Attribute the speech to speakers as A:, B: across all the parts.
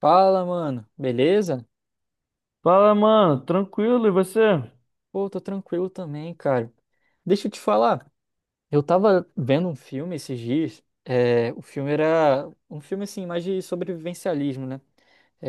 A: Fala, mano. Beleza?
B: Fala, mano. Tranquilo, e você?
A: Pô, tô tranquilo também, cara. Deixa eu te falar. Eu tava vendo um filme esses dias. O filme era um filme assim, mais de sobrevivencialismo, né?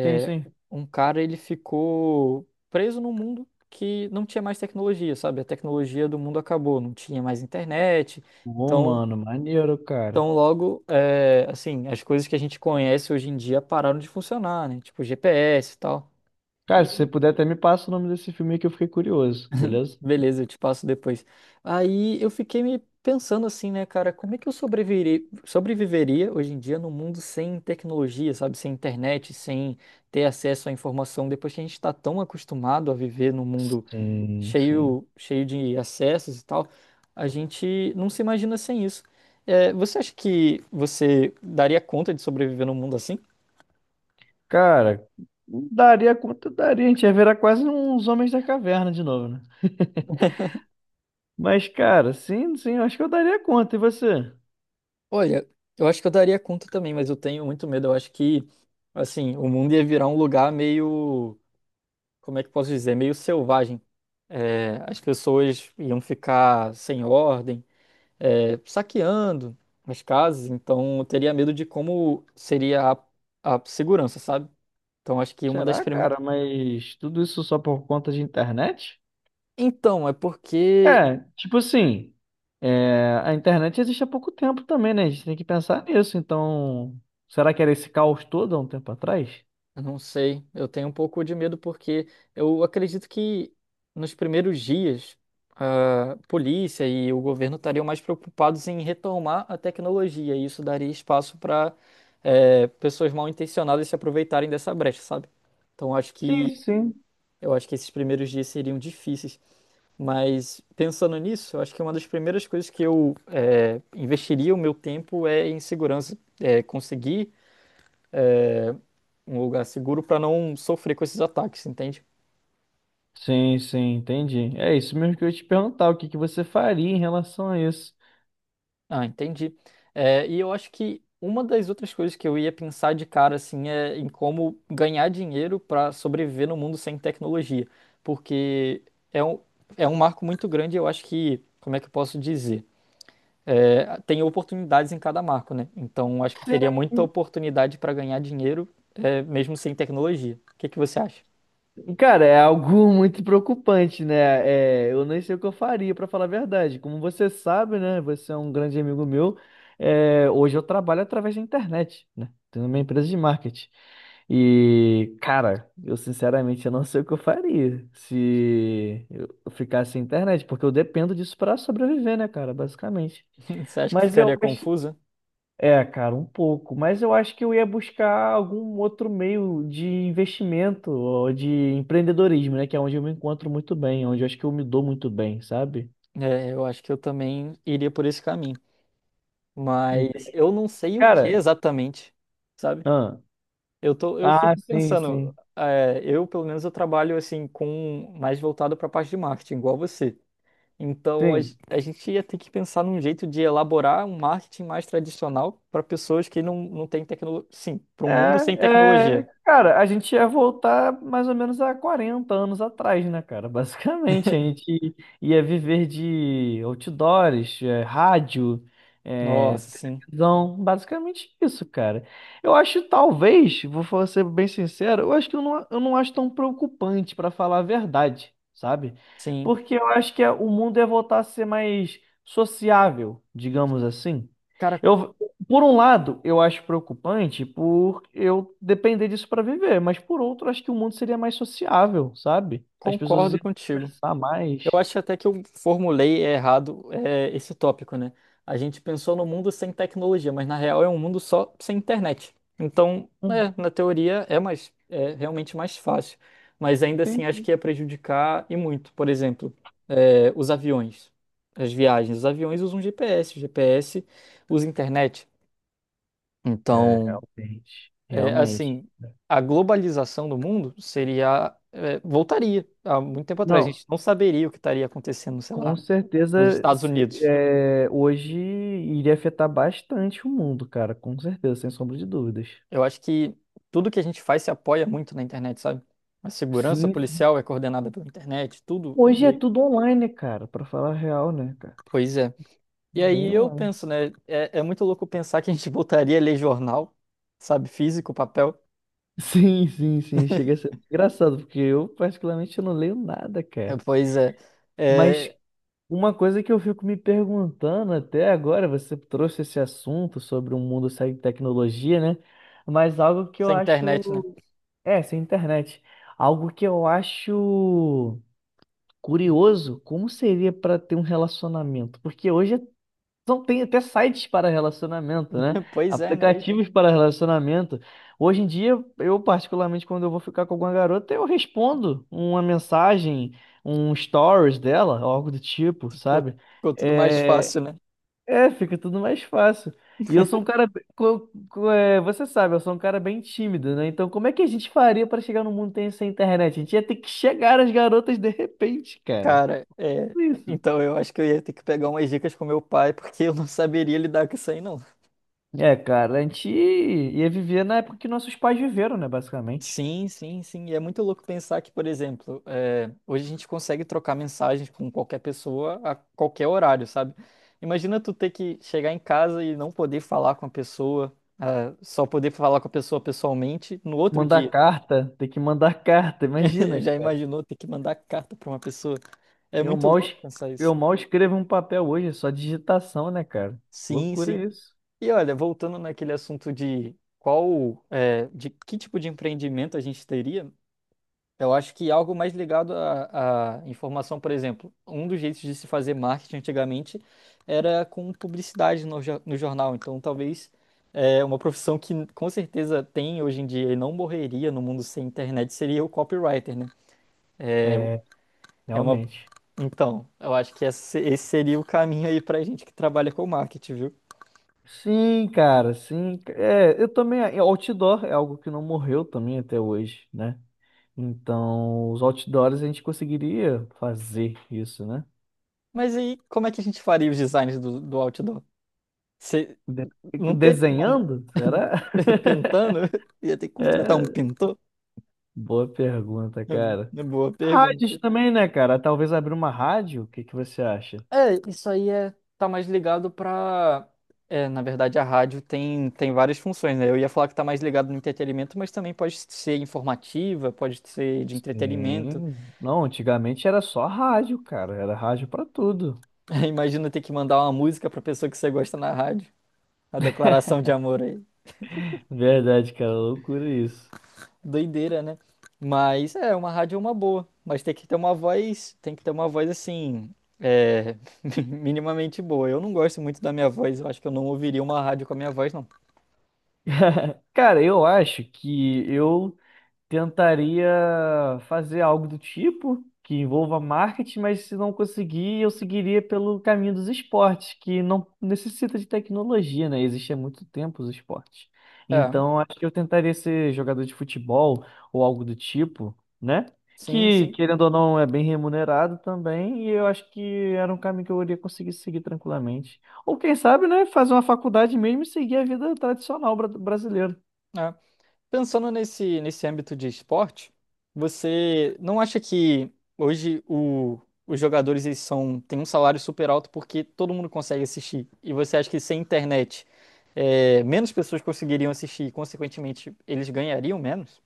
B: Sim, sim.
A: Um cara ele ficou preso num mundo que não tinha mais tecnologia, sabe? A tecnologia do mundo acabou, não tinha mais internet.
B: Bom,
A: Então,
B: mano, maneiro, cara.
A: então logo, assim, as coisas que a gente conhece hoje em dia pararam de funcionar, né? Tipo GPS e tal.
B: Cara, se você puder até me passa o nome desse filme aí que eu fiquei curioso, beleza?
A: Beleza, eu te passo depois. Aí eu fiquei me pensando assim, né, cara, como é que eu sobreviveria, sobreviveria hoje em dia num mundo sem tecnologia, sabe, sem internet, sem ter acesso à informação, depois que a gente está tão acostumado a viver num mundo
B: Sim, sim.
A: cheio, cheio de acessos e tal, a gente não se imagina sem isso. É, você acha que você daria conta de sobreviver num mundo assim?
B: Cara, daria quanto daria, a gente ia virar quase uns Homens da Caverna de novo, né? Mas, cara, sim, sim, eu acho que eu daria conta. E você?
A: Olha, eu acho que eu daria conta também, mas eu tenho muito medo. Eu acho que, assim, o mundo ia virar um lugar meio como é que eu posso dizer, meio selvagem. As pessoas iam ficar sem ordem, saqueando as casas, então eu teria medo de como seria a segurança, sabe? Então acho que uma das
B: Será, cara? Mas tudo isso só por conta de internet?
A: Então, é porque
B: É, tipo assim, a internet existe há pouco tempo também, né? A gente tem que pensar nisso. Então, será que era esse caos todo há um tempo atrás?
A: eu não sei, eu tenho um pouco de medo porque eu acredito que nos primeiros dias a polícia e o governo estariam mais preocupados em retomar a tecnologia e isso daria espaço para pessoas mal intencionadas se aproveitarem dessa brecha, sabe? Então acho
B: Sim,
A: que
B: sim.
A: eu acho que esses primeiros dias seriam difíceis, mas pensando nisso, eu acho que uma das primeiras coisas que eu investiria o meu tempo é em segurança, é conseguir eh, um lugar seguro para não sofrer com esses ataques, entende?
B: Sim, sim, entendi. É isso mesmo que eu ia te perguntar, o que que você faria em relação a isso?
A: Ah, entendi. É, e eu acho que uma das outras coisas que eu ia pensar de cara assim é em como ganhar dinheiro para sobreviver no mundo sem tecnologia, porque é um, é um marco muito grande. Eu acho que, como é que eu posso dizer? É, tem oportunidades em cada marco, né? Então acho que teria muita oportunidade para ganhar dinheiro, é, mesmo sem tecnologia. O que que você acha?
B: Cara, é algo muito preocupante, né? É, eu nem sei o que eu faria, pra falar a verdade. Como você sabe, né? Você é um grande amigo meu. Hoje eu trabalho através da internet, né? Tenho uma empresa de marketing. E, cara, eu sinceramente eu não sei o que eu faria se eu ficasse sem internet, porque eu dependo disso pra sobreviver, né, cara? Basicamente.
A: Você acha que
B: Mas eu
A: ficaria
B: acho,
A: confusa?
B: cara, um pouco, mas eu acho que eu ia buscar algum outro meio de investimento ou de empreendedorismo, né? Que é onde eu me encontro muito bem, onde eu acho que eu me dou muito bem, sabe?
A: É, eu acho que eu também iria por esse caminho. Mas
B: Ente-
A: eu não sei o que
B: Cara,
A: exatamente, sabe?
B: ah,
A: Eu fico
B: sim,
A: pensando,
B: sim,
A: é, eu pelo menos eu trabalho assim com mais voltado para a parte de marketing, igual você. Então
B: sim.
A: a gente ia ter que pensar num jeito de elaborar um marketing mais tradicional para pessoas que não, não têm tecnologia. Sim, para um mundo sem
B: É, é,
A: tecnologia.
B: cara, a gente ia voltar mais ou menos há 40 anos atrás, né, cara? Basicamente, a gente ia viver de outdoors, é, rádio, é,
A: Nossa, sim,
B: televisão, basicamente isso, cara. Eu acho, talvez, ser bem sincero, eu acho que eu não acho tão preocupante, pra falar a verdade, sabe?
A: sim.
B: Porque eu acho que o mundo ia voltar a ser mais sociável, digamos assim.
A: Cara,
B: Eu, por um lado, eu acho preocupante por eu depender disso para viver, mas por outro, acho que o mundo seria mais sociável, sabe? As pessoas
A: concordo
B: iam
A: contigo.
B: conversar mais.
A: Eu acho até que eu formulei errado, é, esse tópico, né? A gente pensou no mundo sem tecnologia, mas na real é um mundo só sem internet. Então,
B: Hum,
A: é, na teoria é mais, é realmente mais fácil. Mas ainda assim acho
B: sim.
A: que ia prejudicar e muito. Por exemplo, é, os aviões, as viagens. Os aviões usam GPS, o GPS usa internet.
B: É,
A: Então,
B: realmente,
A: é,
B: realmente.
A: assim, a globalização do mundo seria, é, voltaria há muito tempo atrás. A
B: Não,
A: gente não saberia o que estaria acontecendo, sei
B: com
A: lá nos
B: certeza,
A: Estados Unidos.
B: hoje iria afetar bastante o mundo, cara, com certeza, sem sombra de dúvidas.
A: Eu acho que tudo que a gente faz se apoia muito na internet, sabe? A segurança
B: Sim,
A: policial é coordenada pela internet, tudo é
B: hoje é
A: meio.
B: tudo online, né, cara, para falar a real, né, cara?
A: Pois é. E
B: Bem
A: aí eu
B: online.
A: penso, né? É muito louco pensar que a gente voltaria a ler jornal, sabe? Físico, papel.
B: Sim, sim, sim. Chega a ser engraçado, porque eu, particularmente, eu não leio nada,
A: É,
B: cara.
A: pois é.
B: Mas
A: É,
B: uma coisa que eu fico me perguntando até agora, você trouxe esse assunto sobre um mundo sem tecnologia, né? Mas algo que eu
A: sem internet, né?
B: acho. É, sem internet. Algo que eu acho curioso, como seria para ter um relacionamento? Porque hoje tem até sites para relacionamento, né?
A: Pois é, né?
B: Aplicativos para relacionamento. Hoje em dia, eu particularmente, quando eu vou ficar com alguma garota, eu respondo uma mensagem, um stories dela, ou algo do tipo,
A: Ficou,
B: sabe?
A: ficou tudo mais
B: É,
A: fácil, né?
B: fica tudo mais fácil. E eu sou um cara, você sabe, eu sou um cara bem tímido, né? Então, como é que a gente faria para chegar no mundo sem internet? A gente ia ter que chegar às garotas de repente, cara.
A: Cara, é.
B: É isso.
A: Então eu acho que eu ia ter que pegar umas dicas com meu pai, porque eu não saberia lidar com isso aí, não.
B: É, cara, a gente ia viver na época que nossos pais viveram, né, basicamente.
A: Sim, sim, sim. E é muito louco pensar que, por exemplo, eh, hoje a gente consegue trocar mensagens com qualquer pessoa a qualquer horário, sabe? Imagina tu ter que chegar em casa e não poder falar com a pessoa, ah, só poder falar com a pessoa pessoalmente no outro
B: Mandar
A: dia.
B: carta, ter que mandar carta, imagina,
A: Já
B: cara.
A: imaginou ter que mandar carta para uma pessoa? É
B: Eu
A: muito
B: mal,
A: louco
B: es-
A: pensar isso.
B: eu mal escrevo um papel hoje, é só digitação, né, cara?
A: Sim,
B: Loucura
A: sim.
B: isso.
A: E olha, voltando naquele assunto de qual, eh, de que tipo de empreendimento a gente teria, eu acho que algo mais ligado à informação, por exemplo, um dos jeitos de se fazer marketing antigamente era com publicidade no jornal. Então, talvez é uma profissão que com certeza tem hoje em dia e não morreria no mundo sem internet seria o copywriter, né?
B: É,
A: É uma...
B: realmente.
A: Então, eu acho que esse seria o caminho aí pra gente que trabalha com marketing, viu?
B: Sim, cara, sim. É, eu também. Outdoor é algo que não morreu também até hoje, né? Então, os outdoors a gente conseguiria fazer isso, né?
A: Mas aí, como é que a gente faria os designs do outdoor? Cê-
B: De-
A: Não teria como.
B: Desenhando? Será?
A: Pintando? Ia ter que contratar um
B: É,
A: pintor?
B: boa pergunta, cara.
A: É boa pergunta.
B: Rádios também, né, cara? Talvez abrir uma rádio, o que que você acha?
A: É, isso aí é, tá mais ligado pra. É, na verdade, a rádio tem, tem várias funções, né? Eu ia falar que tá mais ligado no entretenimento, mas também pode ser informativa, pode ser de entretenimento.
B: Sim. Não, antigamente era só rádio, cara. Era rádio pra tudo.
A: Imagina ter que mandar uma música pra pessoa que você gosta na rádio. A declaração de amor aí.
B: Verdade, cara, loucura isso.
A: Doideira, né? Mas é, uma rádio é uma boa. Mas tem que ter uma voz, tem que ter uma voz assim, é, minimamente boa. Eu não gosto muito da minha voz, eu acho que eu não ouviria uma rádio com a minha voz, não.
B: Cara, eu acho que eu tentaria fazer algo do tipo que envolva marketing, mas se não conseguir, eu seguiria pelo caminho dos esportes, que não necessita de tecnologia, né? Existe há muito tempo os esportes.
A: É.
B: Então, acho que eu tentaria ser jogador de futebol ou algo do tipo, né?
A: Sim,
B: Que,
A: sim.
B: querendo ou não, é bem remunerado também, e eu acho que era um caminho que eu iria conseguir seguir tranquilamente. Ou quem sabe, né, fazer uma faculdade mesmo e seguir a vida tradicional brasileira.
A: É. Pensando nesse âmbito de esporte, você não acha que hoje os jogadores eles são, têm um salário super alto porque todo mundo consegue assistir? E você acha que sem internet, é, menos pessoas conseguiriam assistir e, consequentemente, eles ganhariam menos?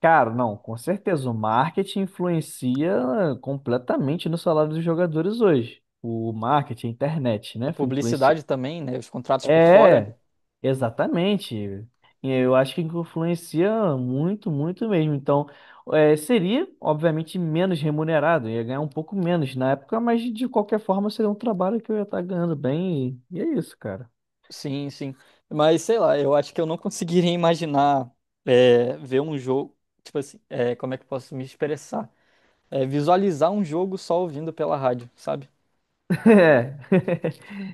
B: Cara, não, com certeza. O marketing influencia completamente no salário dos jogadores hoje. O marketing, a internet,
A: A
B: né? foi Influencia.
A: publicidade também, né? Os contratos por fora.
B: É, exatamente. Eu acho que influencia muito, muito mesmo. Então, seria, obviamente, menos remunerado. Ia ganhar um pouco menos na época, mas de qualquer forma seria um trabalho que eu ia estar ganhando bem. E é isso, cara.
A: Sim, sim. Mas sei lá, eu acho que eu não conseguiria imaginar é, ver um jogo. Tipo assim, é, como é que eu posso me expressar? É, visualizar um jogo só ouvindo pela rádio, sabe?
B: É.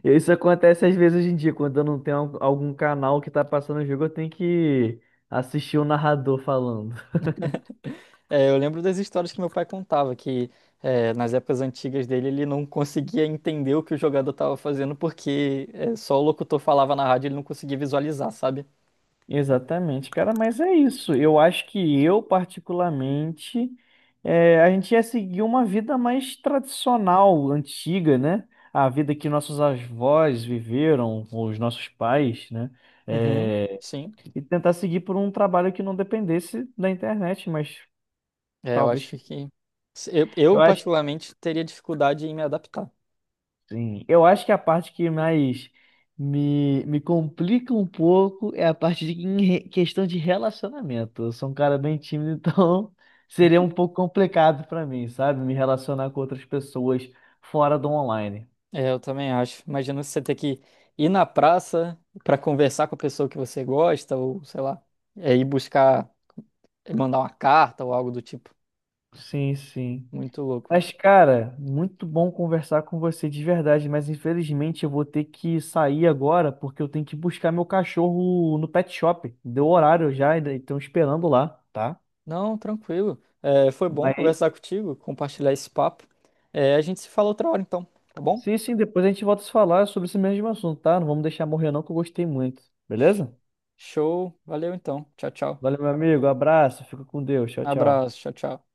B: Isso acontece às vezes hoje em dia, quando eu não tenho algum canal que tá passando o jogo, eu tenho que assistir o narrador falando.
A: É, eu lembro das histórias que meu pai contava, que é, nas épocas antigas dele ele não conseguia entender o que o jogador estava fazendo porque é, só o locutor falava na rádio e ele não conseguia visualizar, sabe?
B: Exatamente, cara, mas é isso. Eu acho que eu, particularmente, a gente ia seguir uma vida mais tradicional, antiga, né? A vida que nossos avós viveram, ou os nossos pais, né?
A: Uhum,
B: Eh,
A: sim.
B: e tentar seguir por um trabalho que não dependesse da internet, mas
A: É, eu
B: talvez
A: acho
B: que.
A: que. Eu,
B: Eu acho.
A: particularmente, teria dificuldade em me adaptar.
B: Sim, eu acho que a parte que mais me, me complica um pouco é a parte de questão de relacionamento. Eu sou um cara bem tímido, então seria um pouco complicado pra mim, sabe? Me relacionar com outras pessoas fora do online.
A: É, eu também acho. Imagina você ter que ir na praça para conversar com a pessoa que você gosta, ou sei lá, é, ir buscar, mandar uma carta ou algo do tipo.
B: Sim, sim.
A: Muito louco.
B: Mas, cara, muito bom conversar com você de verdade, mas infelizmente eu vou ter que sair agora porque eu tenho que buscar meu cachorro no pet shop. Deu horário já, ainda estão esperando lá, tá?
A: Não, tranquilo. É, foi bom
B: Mas
A: conversar contigo, compartilhar esse papo. É, a gente se fala outra hora, então, tá bom?
B: sim, sim, depois a gente volta a se falar sobre esse mesmo assunto, tá? Não vamos deixar morrer não, que eu gostei muito. Beleza?
A: Show. Valeu, então. Tchau, tchau.
B: Valeu, meu amigo. Abraço. Fica com Deus. Tchau, tchau.
A: Abraço. Tchau, tchau.